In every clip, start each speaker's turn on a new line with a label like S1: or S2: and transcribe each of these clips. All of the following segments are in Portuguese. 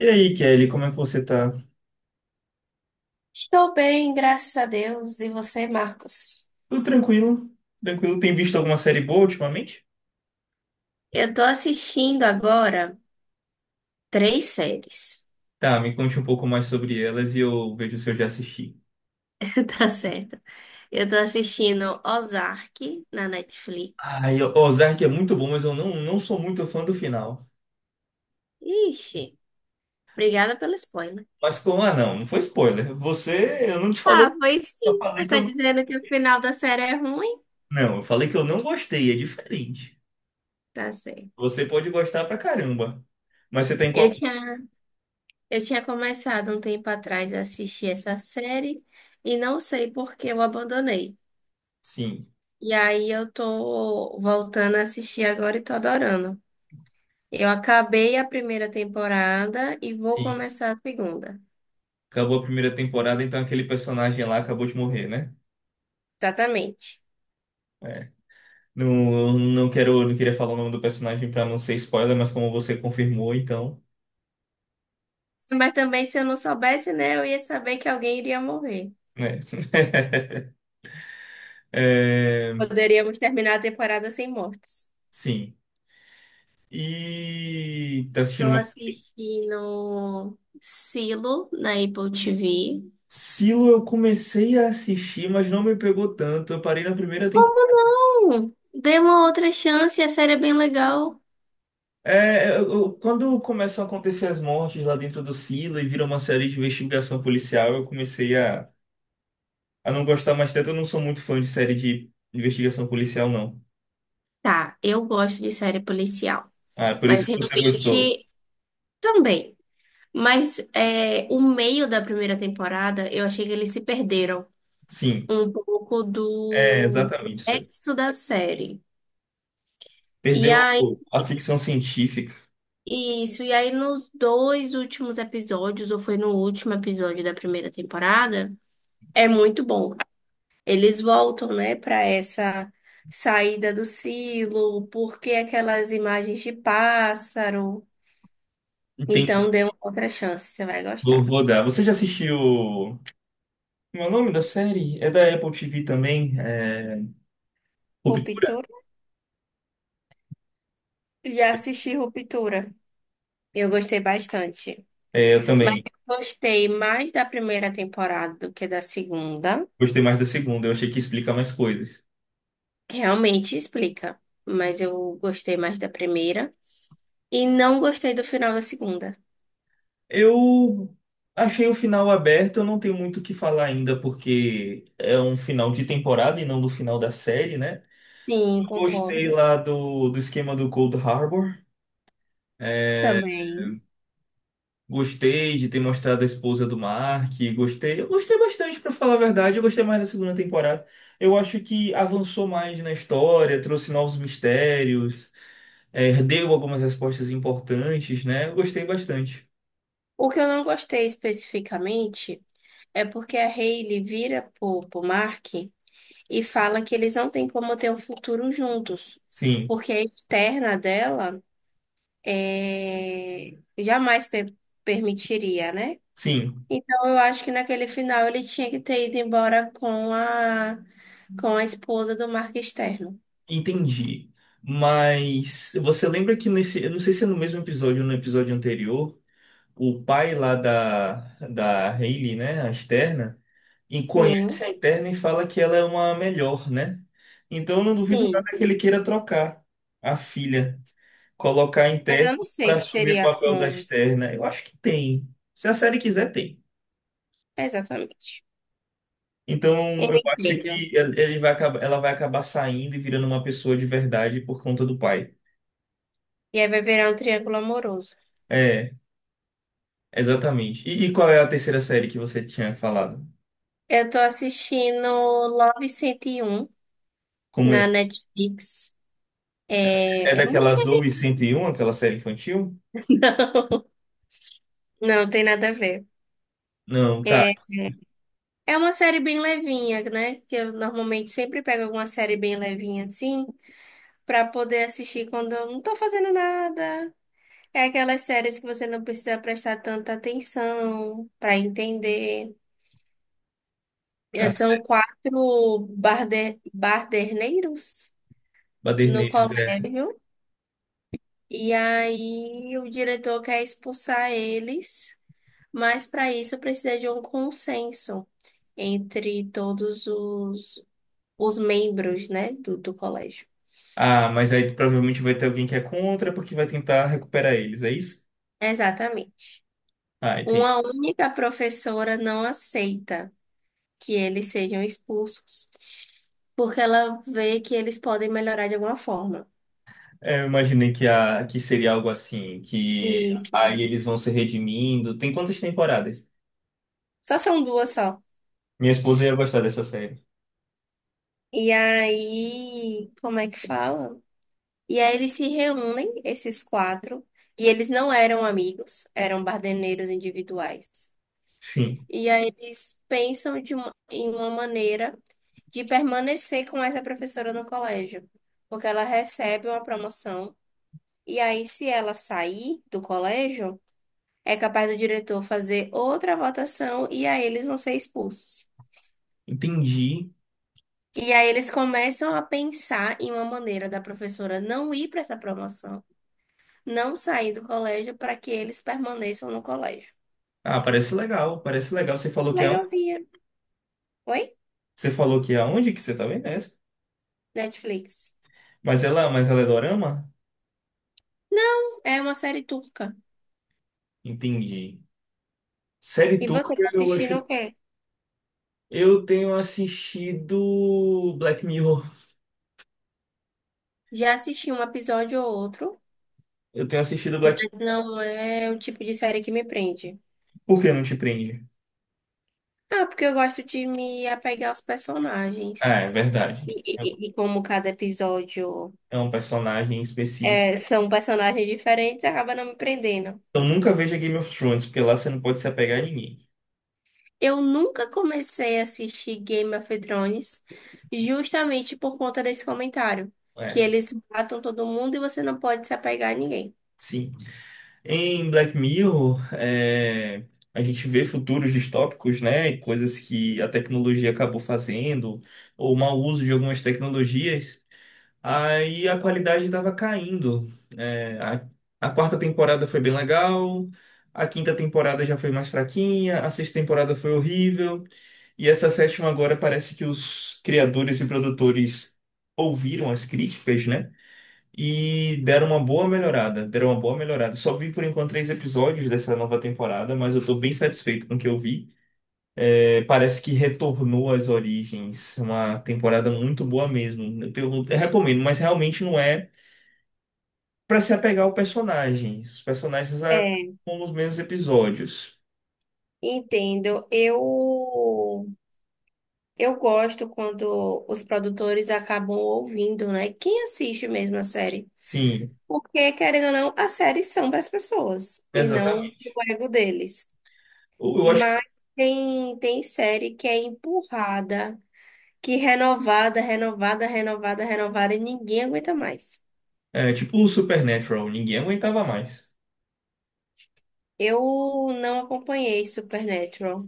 S1: E aí, Kelly, como é que você tá?
S2: Estou bem, graças a Deus. E você, Marcos?
S1: Tudo tranquilo? Tranquilo? Tem visto alguma série boa ultimamente?
S2: Eu tô assistindo agora três séries.
S1: Tá, me conte um pouco mais sobre elas e eu vejo se eu já assisti.
S2: Tá certo. Eu tô assistindo Ozark na
S1: Ah,
S2: Netflix.
S1: e Ozark é muito bom, mas eu não, sou muito fã do final.
S2: Ixi, obrigada pelo spoiler.
S1: Mas como, ah, não, foi spoiler. Você, eu não te falei,
S2: Ah, foi
S1: eu
S2: sim.
S1: falei
S2: Você
S1: que
S2: tá
S1: eu não.
S2: dizendo que o final da série é ruim?
S1: Não, eu falei que eu não gostei, é diferente.
S2: Tá certo.
S1: Você pode gostar pra caramba. Mas você tem
S2: Eu
S1: qual.
S2: tinha, eu tinha começado um tempo atrás a assistir essa série e não sei por que eu abandonei.
S1: Sim,
S2: E aí eu tô voltando a assistir agora e tô adorando. Eu acabei a primeira temporada e vou
S1: sim.
S2: começar a segunda.
S1: Acabou a primeira temporada, então aquele personagem lá acabou de morrer, né?
S2: Exatamente.
S1: É. Não, não quero, não queria falar o nome do personagem pra não ser spoiler, mas como você confirmou, então,
S2: Mas também, se eu não soubesse, né, eu ia saber que alguém iria morrer.
S1: né? É,
S2: Poderíamos terminar a temporada sem mortes.
S1: sim. E tá assistindo
S2: Estou
S1: mais o quê?
S2: assistindo Silo na Apple TV.
S1: Silo eu comecei a assistir, mas não me pegou tanto. Eu parei na primeira temporada.
S2: Como não? Dê uma outra chance, a série é bem legal.
S1: É, Quando começam a acontecer as mortes lá dentro do Silo e vira uma série de investigação policial, eu comecei a não gostar mais tanto. Eu não sou muito fã de série de investigação policial, não.
S2: Tá, eu gosto de série policial,
S1: Ah, por
S2: mas
S1: isso que você gostou.
S2: realmente também. Mas é, o meio da primeira temporada, eu achei que eles se perderam,
S1: Sim,
S2: um pouco
S1: é
S2: do
S1: exatamente.
S2: texto da série. E
S1: Perdeu
S2: aí,
S1: a ficção científica.
S2: isso, e aí nos dois últimos episódios, ou foi no último episódio da primeira temporada, é muito bom. Eles voltam, né, para essa saída do silo, porque aquelas imagens de pássaro. Então,
S1: Entendi.
S2: dê uma outra chance, você vai
S1: Vou,
S2: gostar.
S1: vou dar. Você já assistiu. Como é o nome da série? É da Apple TV também. É... Ruptura?
S2: Ruptura? Já assisti Ruptura. Eu gostei bastante.
S1: É, eu
S2: Mas
S1: também.
S2: eu gostei mais da primeira temporada do que da segunda.
S1: Gostei mais da segunda. Eu achei que ia explicar mais coisas.
S2: Realmente explica, mas eu gostei mais da primeira e não gostei do final da segunda.
S1: Eu achei o final aberto. Eu não tenho muito o que falar ainda, porque é um final de temporada e não do final da série, né?
S2: Sim,
S1: Eu gostei
S2: concordo.
S1: lá do esquema do Cold Harbor. É,
S2: Também.
S1: gostei de ter mostrado a esposa do Mark, gostei, eu gostei bastante, pra falar a verdade, eu gostei mais da segunda temporada. Eu acho que avançou mais na história, trouxe novos mistérios, deu algumas respostas importantes, né? Eu gostei bastante.
S2: O que eu não gostei especificamente é porque a Hailey vira pro Mark e fala que eles não têm como ter um futuro juntos,
S1: Sim,
S2: porque a externa dela é, jamais permitiria, né?
S1: sim,
S2: Então eu acho que naquele final ele tinha que ter ido embora com a esposa do Mark externo.
S1: entendi. Mas você lembra que nesse, eu não sei se é no mesmo episódio ou no episódio anterior, o pai lá da Hayley, né, a Esterna e conhece
S2: Sim,
S1: a interna e fala que ela é uma melhor, né? Então eu não duvido nada
S2: sim.
S1: que ele queira trocar a filha, colocar a
S2: Mas
S1: interna
S2: eu não sei
S1: para
S2: se
S1: assumir o
S2: teria
S1: papel da
S2: como.
S1: externa. Eu acho que tem. Se a série quiser, tem.
S2: Exatamente.
S1: Então
S2: Eu
S1: eu acho
S2: entendo.
S1: que ele vai acabar, ela vai acabar saindo e virando uma pessoa de verdade por conta do pai.
S2: E aí vai virar um triângulo amoroso.
S1: É, exatamente. E qual é a terceira série que você tinha falado?
S2: Eu tô assistindo Love 101
S1: Como
S2: na
S1: é
S2: Netflix.
S1: É
S2: É, é uma
S1: daquela Zoe
S2: série.
S1: 101, aquela série infantil?
S2: Não, não tem nada a ver.
S1: Não, tá,
S2: É, é uma série bem levinha, né? Que eu normalmente sempre pego alguma série bem levinha assim, pra poder assistir quando eu não tô fazendo nada. É aquelas séries que você não precisa prestar tanta atenção pra entender. É,
S1: tá.
S2: são quatro barderneiros no
S1: Baderneiros, é.
S2: colégio, e aí o diretor quer expulsar eles, mas para isso precisa de um consenso entre os membros, né, do colégio.
S1: Ah, mas aí provavelmente vai ter alguém que é contra porque vai tentar recuperar eles, é isso?
S2: Exatamente.
S1: Ah, entendi.
S2: Uma única professora não aceita que eles sejam expulsos, porque ela vê que eles podem melhorar de alguma forma.
S1: É, eu imaginei que, a, que seria algo assim, que
S2: Isso.
S1: aí eles vão se redimindo. Tem quantas temporadas?
S2: Só são duas só.
S1: Minha esposa ia gostar dessa série.
S2: E aí, como é que fala? E aí eles se reúnem, esses quatro, e eles não eram amigos, eram bardeneiros individuais.
S1: Sim,
S2: E aí eles pensam em uma maneira de permanecer com essa professora no colégio, porque ela recebe uma promoção, e aí se ela sair do colégio, é capaz do diretor fazer outra votação, e aí eles vão ser expulsos.
S1: entendi.
S2: E aí eles começam a pensar em uma maneira da professora não ir para essa promoção, não sair do colégio para que eles permaneçam no colégio.
S1: Ah, parece legal, parece legal.
S2: Legalzinha. Oi?
S1: Você falou que é onde que você tá vendo essa?
S2: Netflix.
S1: Mas ela é dorama?
S2: Não, é uma série turca.
S1: Entendi. Série
S2: E
S1: turca,
S2: você tá
S1: eu acho.
S2: assistindo o quê?
S1: Eu tenho assistido Black Mirror.
S2: Já assisti um episódio ou outro,
S1: Eu tenho assistido Black.
S2: mas não é o tipo de série que me prende.
S1: Por que não te prende?
S2: Ah, porque eu gosto de me apegar aos
S1: Ah,
S2: personagens.
S1: é verdade.
S2: E,
S1: É
S2: e como cada episódio
S1: é um personagem específico.
S2: é, são personagens diferentes, acaba não me prendendo.
S1: Então nunca veja Game of Thrones, porque lá você não pode se apegar a ninguém.
S2: Eu nunca comecei a assistir Game of Thrones justamente por conta desse comentário, que
S1: É,
S2: eles matam todo mundo e você não pode se apegar a ninguém.
S1: sim. Em Black Mirror, é, a gente vê futuros distópicos, né? E coisas que a tecnologia acabou fazendo, ou mau uso de algumas tecnologias. Aí a qualidade estava caindo. É, a, a quarta temporada foi bem legal, a quinta temporada já foi mais fraquinha, a sexta temporada foi horrível, e essa sétima agora parece que os criadores e produtores ouviram as críticas, né? E deram uma boa melhorada, deram uma boa melhorada. Só vi por enquanto três episódios dessa nova temporada, mas eu tô bem satisfeito com o que eu vi. É, parece que retornou às origens, uma temporada muito boa mesmo. Eu recomendo, mas realmente não é para se apegar ao personagem. Os personagens
S2: É,
S1: acabam nos mesmos episódios.
S2: entendo. Eu gosto quando os produtores acabam ouvindo, né? Quem assiste mesmo a série?
S1: Sim,
S2: Porque, querendo ou não, as séries são para as pessoas e não pro
S1: exatamente.
S2: ego deles.
S1: Eu acho que
S2: Mas tem série que é empurrada, que renovada, renovada, renovada, renovada e ninguém aguenta mais.
S1: é tipo o Supernatural, ninguém aguentava mais.
S2: Eu não acompanhei Supernatural.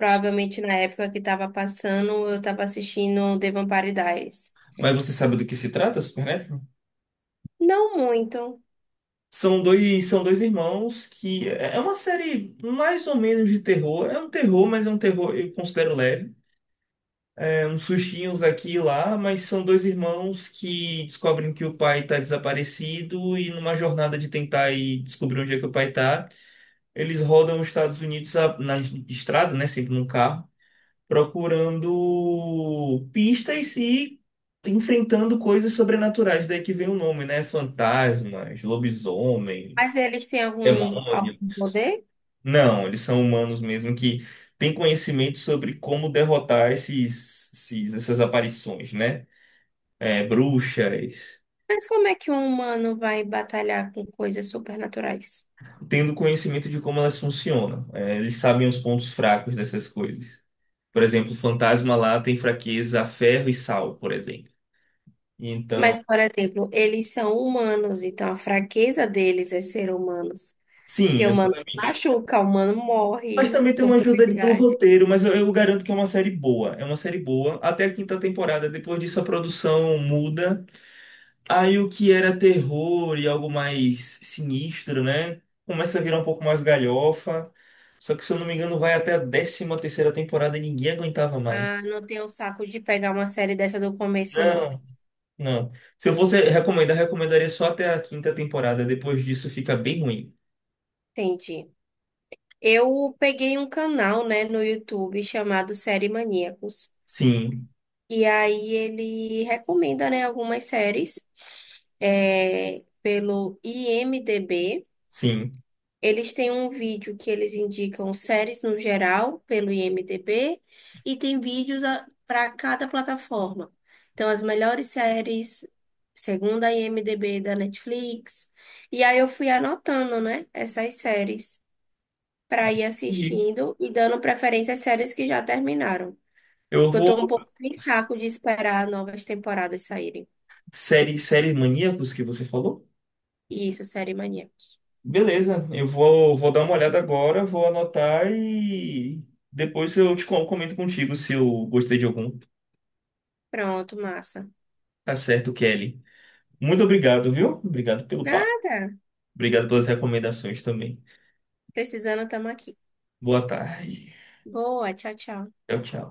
S1: Su-
S2: na época que estava passando, eu estava assistindo The Vampire Diaries.
S1: Mas você sabe do que se trata, Supernatural?
S2: Não muito,
S1: São dois irmãos que é uma série mais ou menos de terror. É um terror, mas é um terror eu considero leve. É uns sustinhos aqui e lá, mas são dois irmãos que descobrem que o pai está desaparecido e numa jornada de tentar ir descobrir onde é que o pai está. Eles rodam os na estrada, né? Sempre num carro, procurando pistas e enfrentando coisas sobrenaturais. Daí que vem o nome, né? Fantasmas,
S2: mas
S1: lobisomens,
S2: eles têm algum
S1: demônios.
S2: poder?
S1: Não, eles são humanos mesmo que têm conhecimento sobre como derrotar essas aparições, né? É, bruxas.
S2: Mas como é que um humano vai batalhar com coisas supernaturais?
S1: Tendo conhecimento de como elas funcionam. É, eles sabem os pontos fracos dessas coisas. Por exemplo, o fantasma lá tem fraqueza a ferro e sal, por exemplo. Então,
S2: Mas, por exemplo, eles são humanos, então a fraqueza deles é ser humanos.
S1: sim,
S2: Porque humano se
S1: exatamente.
S2: machuca, humano
S1: Mas
S2: morre
S1: também tem
S2: com
S1: uma ajuda ali do
S2: facilidade.
S1: roteiro, mas eu garanto que é uma série boa. É uma série boa até a quinta temporada. Depois disso, a produção muda. Aí o que era terror e algo mais sinistro, né? Começa a virar um pouco mais galhofa. Só que, se eu não me engano, vai até a décima terceira temporada e ninguém aguentava mais.
S2: Ah, não tenho saco de pegar uma série dessa do começo, não.
S1: Não. Não. Se eu fosse recomendar, recomendaria só até a quinta temporada. Depois disso fica bem ruim.
S2: Entendi. Eu peguei um canal, né, no YouTube chamado Série Maníacos.
S1: Sim,
S2: E aí ele recomenda, né, algumas séries é, pelo IMDb.
S1: sim.
S2: Eles têm um vídeo que eles indicam séries no geral pelo IMDb e tem vídeos para cada plataforma. Então, as melhores séries, segundo a IMDb da Netflix. E aí eu fui anotando, né, essas séries para ir
S1: E
S2: assistindo e dando preferência às séries que já terminaram.
S1: eu
S2: Eu
S1: vou.
S2: tô um pouco sem
S1: S-
S2: saco de esperar novas temporadas saírem.
S1: Série, série Maníacos que você falou?
S2: Isso, série maníacos.
S1: Beleza, eu vou, vou dar uma olhada agora, vou anotar e depois eu te comento contigo se eu gostei de algum.
S2: Pronto, massa.
S1: Tá certo, Kelly. Muito obrigado, viu? Obrigado pelo papo.
S2: Nada.
S1: Obrigado pelas recomendações também.
S2: Precisando, tamo aqui.
S1: Boa tarde.
S2: Boa, tchau, tchau.
S1: Tchau, tchau.